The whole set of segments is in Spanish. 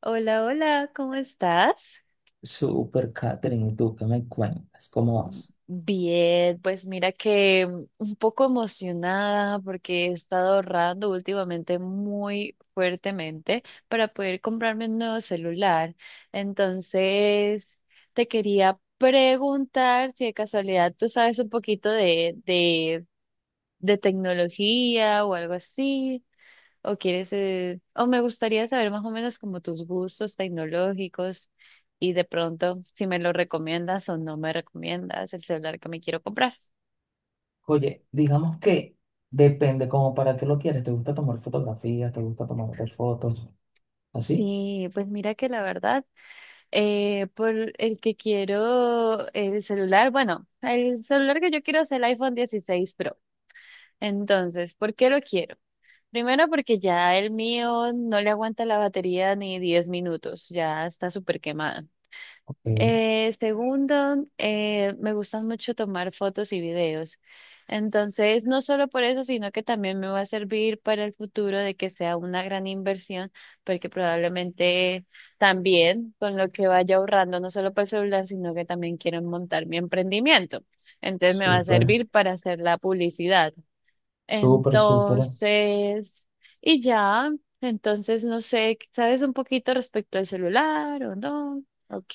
Hola, hola, ¿cómo estás? Super Catherine, ¿y tú qué me cuentas? ¿Cómo vas? Bien, pues mira que un poco emocionada porque he estado ahorrando últimamente muy fuertemente para poder comprarme un nuevo celular. Entonces, te quería preguntar si de casualidad tú sabes un poquito de tecnología o algo así. O quieres, o me gustaría saber más o menos como tus gustos tecnológicos y de pronto si me lo recomiendas o no me recomiendas el celular que me quiero comprar. Oye, digamos que depende como para qué lo quieres. ¿Te gusta tomar fotografías? ¿Te gusta tomarte fotos? ¿Así? Sí, pues mira que la verdad, por el que quiero el celular, bueno, el celular que yo quiero es el iPhone 16 Pro. Entonces, ¿por qué lo quiero? Primero porque ya el mío no le aguanta la batería ni 10 minutos, ya está súper quemado. Ok, Segundo, me gustan mucho tomar fotos y videos. Entonces, no solo por eso, sino que también me va a servir para el futuro de que sea una gran inversión, porque probablemente también con lo que vaya ahorrando, no solo para el celular, sino que también quiero montar mi emprendimiento. Entonces, me va a súper, servir para hacer la publicidad. súper, súper. Entonces, y ya, entonces no sé, ¿sabes un poquito respecto al celular o no? Ok,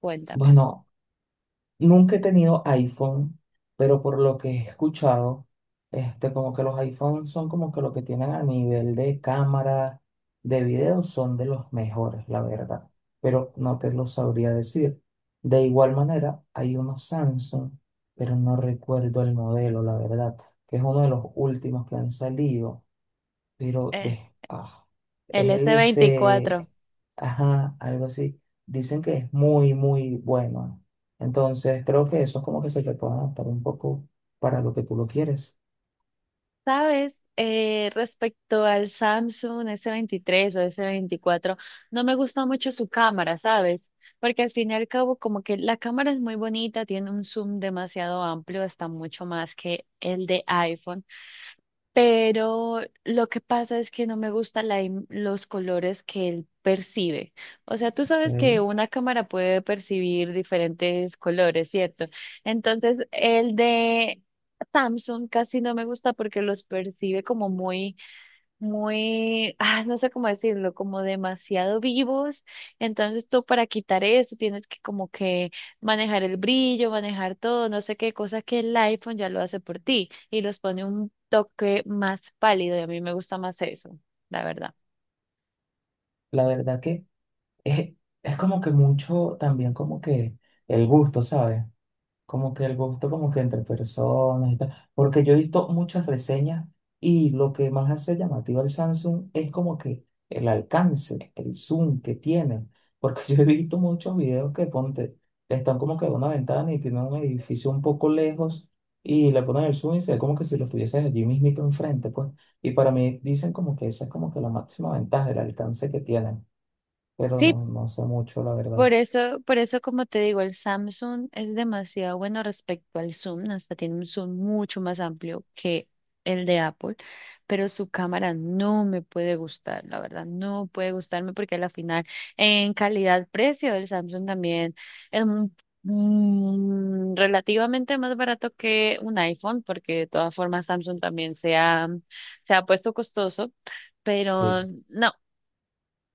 cuéntame. Bueno, nunca he tenido iPhone, pero por lo que he escuchado, este, como que los iPhones son como que lo que tienen a nivel de cámara, de video, son de los mejores, la verdad. Pero no te lo sabría decir. De igual manera, hay unos Samsung, pero no recuerdo el modelo, la verdad, que es uno de los últimos que han salido pero Eh, de, el S24. LC, ajá, algo así. Dicen que es muy, muy bueno. Entonces, creo que eso es como que se te puede adaptar un poco para lo que tú lo quieres. ¿Sabes? Respecto al Samsung S23 o S24, no me gusta mucho su cámara, ¿sabes? Porque al fin y al cabo, como que la cámara es muy bonita, tiene un zoom demasiado amplio, hasta mucho más que el de iPhone. Pero lo que pasa es que no me gustan los colores que él percibe. O sea, tú sabes que ¿Ok? una cámara puede percibir diferentes colores, ¿cierto? Entonces, el de Samsung casi no me gusta porque los percibe como muy muy, no sé cómo decirlo, como demasiado vivos. Entonces tú para quitar eso tienes que como que manejar el brillo, manejar todo, no sé qué cosa que el iPhone ya lo hace por ti y los pone un toque más pálido y a mí me gusta más eso, la verdad. La verdad que es, es como que mucho también como que el gusto, ¿sabes? Como que el gusto como que entre personas y tal, porque yo he visto muchas reseñas y lo que más hace llamativo al Samsung es como que el alcance, el zoom que tiene, porque yo he visto muchos videos que ponte, están como que en una ventana y tienen un edificio un poco lejos y le ponen el zoom y se ve como que si lo estuvieses allí mismito enfrente, pues, y para mí dicen como que esa es como que la máxima ventaja, el alcance que tienen, pero Sí. no, no sé mucho la verdad. Por eso, como te digo, el Samsung es demasiado bueno respecto al zoom, hasta tiene un zoom mucho más amplio que el de Apple, pero su cámara no me puede gustar, la verdad, no puede gustarme porque a la final en calidad-precio el Samsung también es relativamente más barato que un iPhone, porque de todas formas Samsung también se ha puesto costoso, Sí. pero no.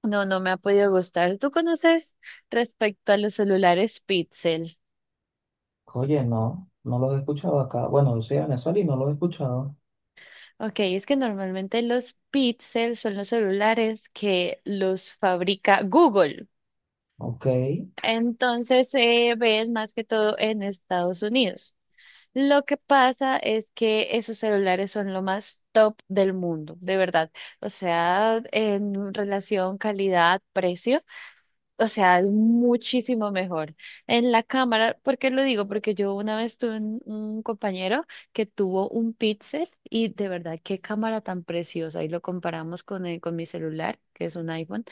No, no me ha podido gustar. ¿Tú conoces respecto a los celulares Pixel? Oye, no, no los he escuchado acá. Bueno, yo soy de Venezuela y no los he escuchado. Ok, es que normalmente los Pixel son los celulares que los fabrica Google. Ok. Entonces se ven más que todo en Estados Unidos. Lo que pasa es que esos celulares son lo más top del mundo, de verdad. O sea, en relación calidad-precio. O sea, es muchísimo mejor. En la cámara, ¿por qué lo digo? Porque yo una vez tuve un compañero que tuvo un Pixel y de verdad, qué cámara tan preciosa. Y lo comparamos con mi celular, que es un iPhone.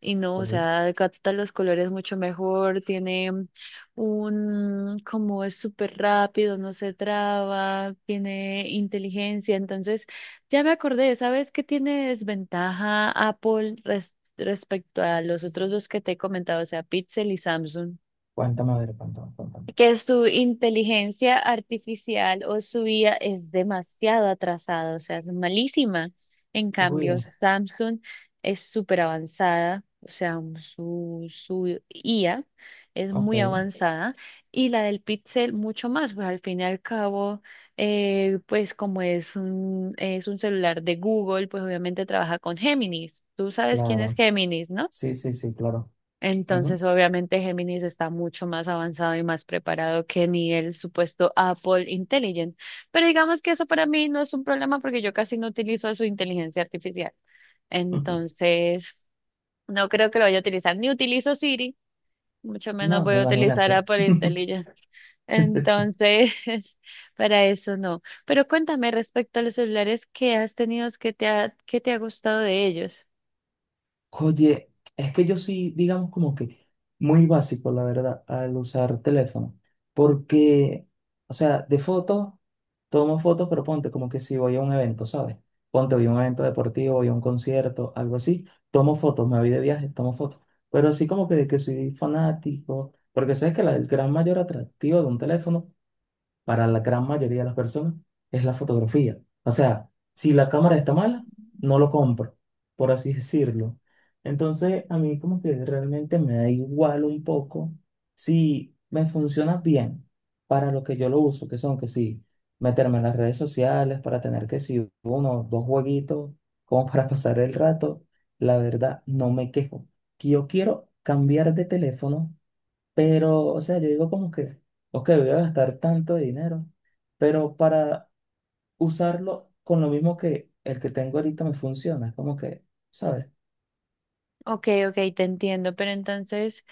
Y no, o Ujú. sea, capta los colores mucho mejor, tiene como es súper rápido, no se traba, tiene inteligencia. Entonces, ya me acordé, ¿sabes qué tiene desventaja Apple respecto a los otros dos que te he comentado, o sea, Pixel y Samsung? Cuéntame, a ver, cuéntame, cuéntame. Que su inteligencia artificial o su IA es demasiado atrasada, o sea, es malísima. En Uy, cambio, Samsung es súper avanzada, o sea, su IA es ok, muy avanzada y la del Pixel mucho más, pues al fin y al cabo, pues como es un celular de Google, pues obviamente trabaja con Géminis. Tú sabes quién es claro. Géminis, ¿no? Sí, sí, sí, claro. Ujú. Entonces, obviamente, Géminis está mucho más avanzado y más preparado que ni el supuesto Apple Intelligent. Pero digamos que eso para mí no es un problema porque yo casi no utilizo su inteligencia artificial. Entonces, no creo que lo vaya a utilizar. Ni utilizo Siri, mucho menos No, voy a utilizar imagínate. Apple Intelligent. Entonces, para eso no. Pero cuéntame respecto a los celulares que has tenido, qué te ha gustado de ellos? Oye, es que yo sí, digamos como que muy básico, la verdad, al usar teléfono. Porque, o sea, de fotos. Tomo fotos, pero ponte como que si voy a un evento, ¿sabes? Ponte, voy a un evento deportivo, voy a un concierto, algo así, tomo fotos, me voy de viaje, tomo fotos. Pero así como que de que soy fanático, porque sabes que la- el gran mayor atractivo de un teléfono para la gran mayoría de las personas, es la fotografía. O sea, si la cámara está mala, no lo compro, por así decirlo. Entonces, a mí como que realmente me da igual un poco si me funciona bien para lo que yo lo uso, que son que sí, meterme en las redes sociales para tener que si uno o dos jueguitos como para pasar el rato, la verdad no me quejo. Que yo quiero cambiar de teléfono pero, o sea, yo digo como que, ok, voy a gastar tanto dinero, pero para usarlo con lo mismo que el que tengo ahorita me funciona. Es como que, ¿sabes? Ok, ok, te entiendo, pero entonces.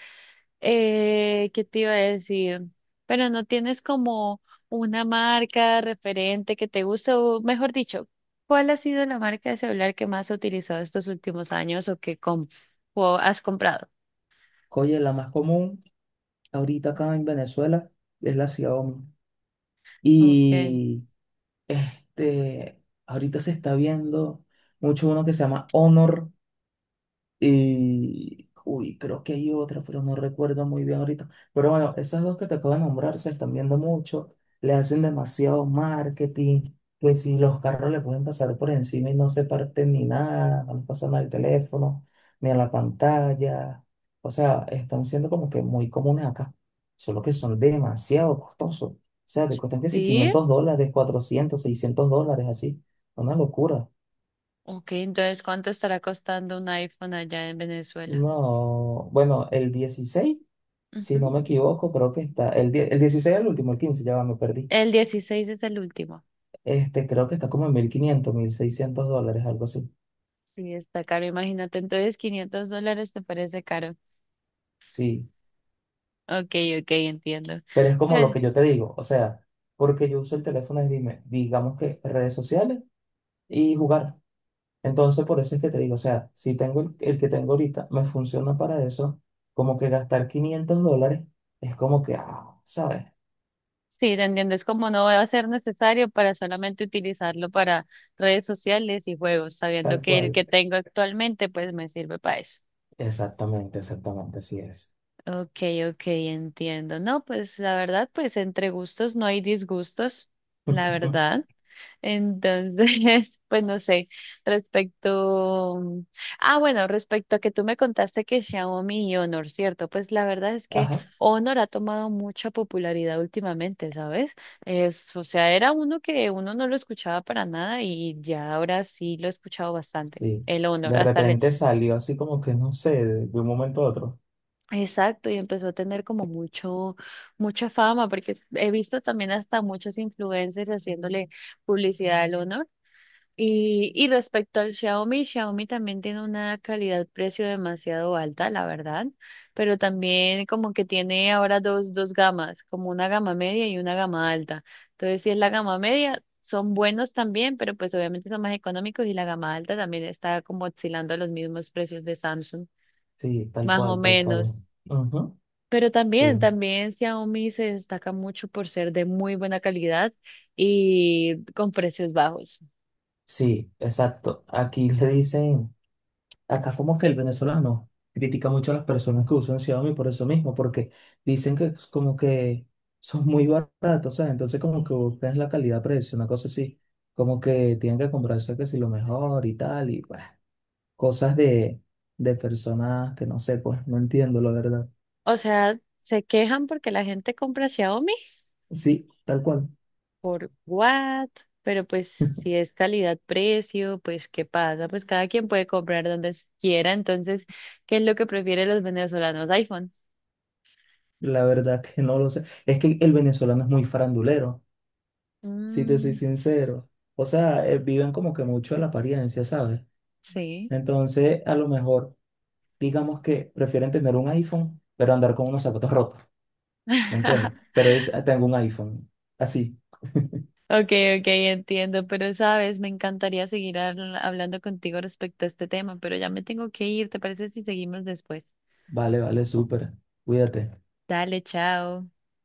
¿Qué te iba a decir? Pero no tienes como una marca referente que te guste, o mejor dicho, ¿cuál ha sido la marca de celular que más has utilizado estos últimos años o que o has comprado? Oye, la más común ahorita acá en Venezuela es la Xiaomi. Okay. Y este, ahorita se está viendo mucho uno que se llama Honor. Y, uy, creo que hay otra, pero no recuerdo muy bien ahorita. Pero bueno, esas dos que te acabo de nombrar se están viendo mucho, le hacen demasiado marketing, que si los carros le pueden pasar por encima y no se parten ni nada, no les pasan al teléfono, ni a la pantalla. O sea, están siendo como que muy comunes acá, solo que son demasiado costosos. O sea, te cuestan que si ¿Sí? $500, $400 $600, así. Una locura. Ok, entonces, ¿cuánto estará costando un iPhone allá en Venezuela? No, bueno, el 16. Si Ujú. no me equivoco, creo que está el, die- el 16 el último, el 15, ya va, me perdí. El 16 es el último. Este, creo que está como en $1.500 $1.600, algo así. Sí, está caro, imagínate. Entonces, $500 te parece caro. Sí, Ok, ok, entiendo. pero es como lo Pues. que yo te digo, o sea, porque yo uso el teléfono, es, dime, digamos que redes sociales y jugar. Entonces, por eso es que te digo, o sea, si tengo el que tengo ahorita, me funciona para eso, como que gastar $500 es como que, ah, ¿sabes? Sí, te entiendo. Es como no va a ser necesario para solamente utilizarlo para redes sociales y juegos, sabiendo Tal que el cual. que tengo actualmente pues me sirve para eso. Exactamente, exactamente, así es. Ok, ok, entiendo. No, pues la verdad, pues entre gustos no hay disgustos, la verdad. Entonces, pues no sé, respecto, ah, bueno, respecto a que tú me contaste que Xiaomi y Honor, ¿cierto? Pues la verdad es que Ajá. Honor ha tomado mucha popularidad últimamente, ¿sabes? Es, o sea, era uno que uno no lo escuchaba para nada y ya ahora sí lo he escuchado bastante. Sí, El Honor, de hasta le... repente salió así como que no sé, de un momento a otro. Exacto, y empezó a tener como mucha fama, porque he visto también hasta muchos influencers haciéndole publicidad al Honor. Y respecto al Xiaomi, Xiaomi también tiene una calidad-precio demasiado alta, la verdad, pero también como que tiene ahora dos gamas, como una gama media y una gama alta. Entonces, si es la gama media, son buenos también, pero pues obviamente son más económicos y la gama alta también está como oscilando a los mismos precios de Samsung, Sí, tal más o cual, tal cual. menos. Ujú. Pero Sí, también, también Xiaomi se destaca mucho por ser de muy buena calidad y con precios bajos. sí, exacto. Aquí le dicen, acá como que el venezolano critica mucho a las personas que usan Xiaomi por eso mismo, porque dicen que es como que son muy baratos, ¿sabes? Entonces como que buscan la calidad-precio, una cosa así, como que tienen que comprarse que si lo mejor y tal, y pues, cosas de personas que no sé, pues no entiendo la verdad. O sea, se quejan porque la gente compra Xiaomi Sí, tal cual. por what, pero pues si es calidad-precio, pues ¿qué pasa? Pues cada quien puede comprar donde quiera, entonces, ¿qué es lo que prefieren los venezolanos? iPhone. La verdad que no lo sé. Es que el venezolano es muy farandulero, si te soy Mm, sincero. O sea, viven como que mucho de la apariencia, ¿sabes? sí. Entonces, a lo mejor, digamos que prefieren tener un iPhone, pero andar con unos zapatos rotos, ¿me entiendes? Pero dice, "Ah, tengo un iPhone. Así, Okay, okay, entiendo, pero sabes, me encantaría seguir hablando contigo respecto a este tema, pero ya me tengo que ir, ¿te parece si seguimos después? vale, vale, súper. Cuídate. Dale, chao.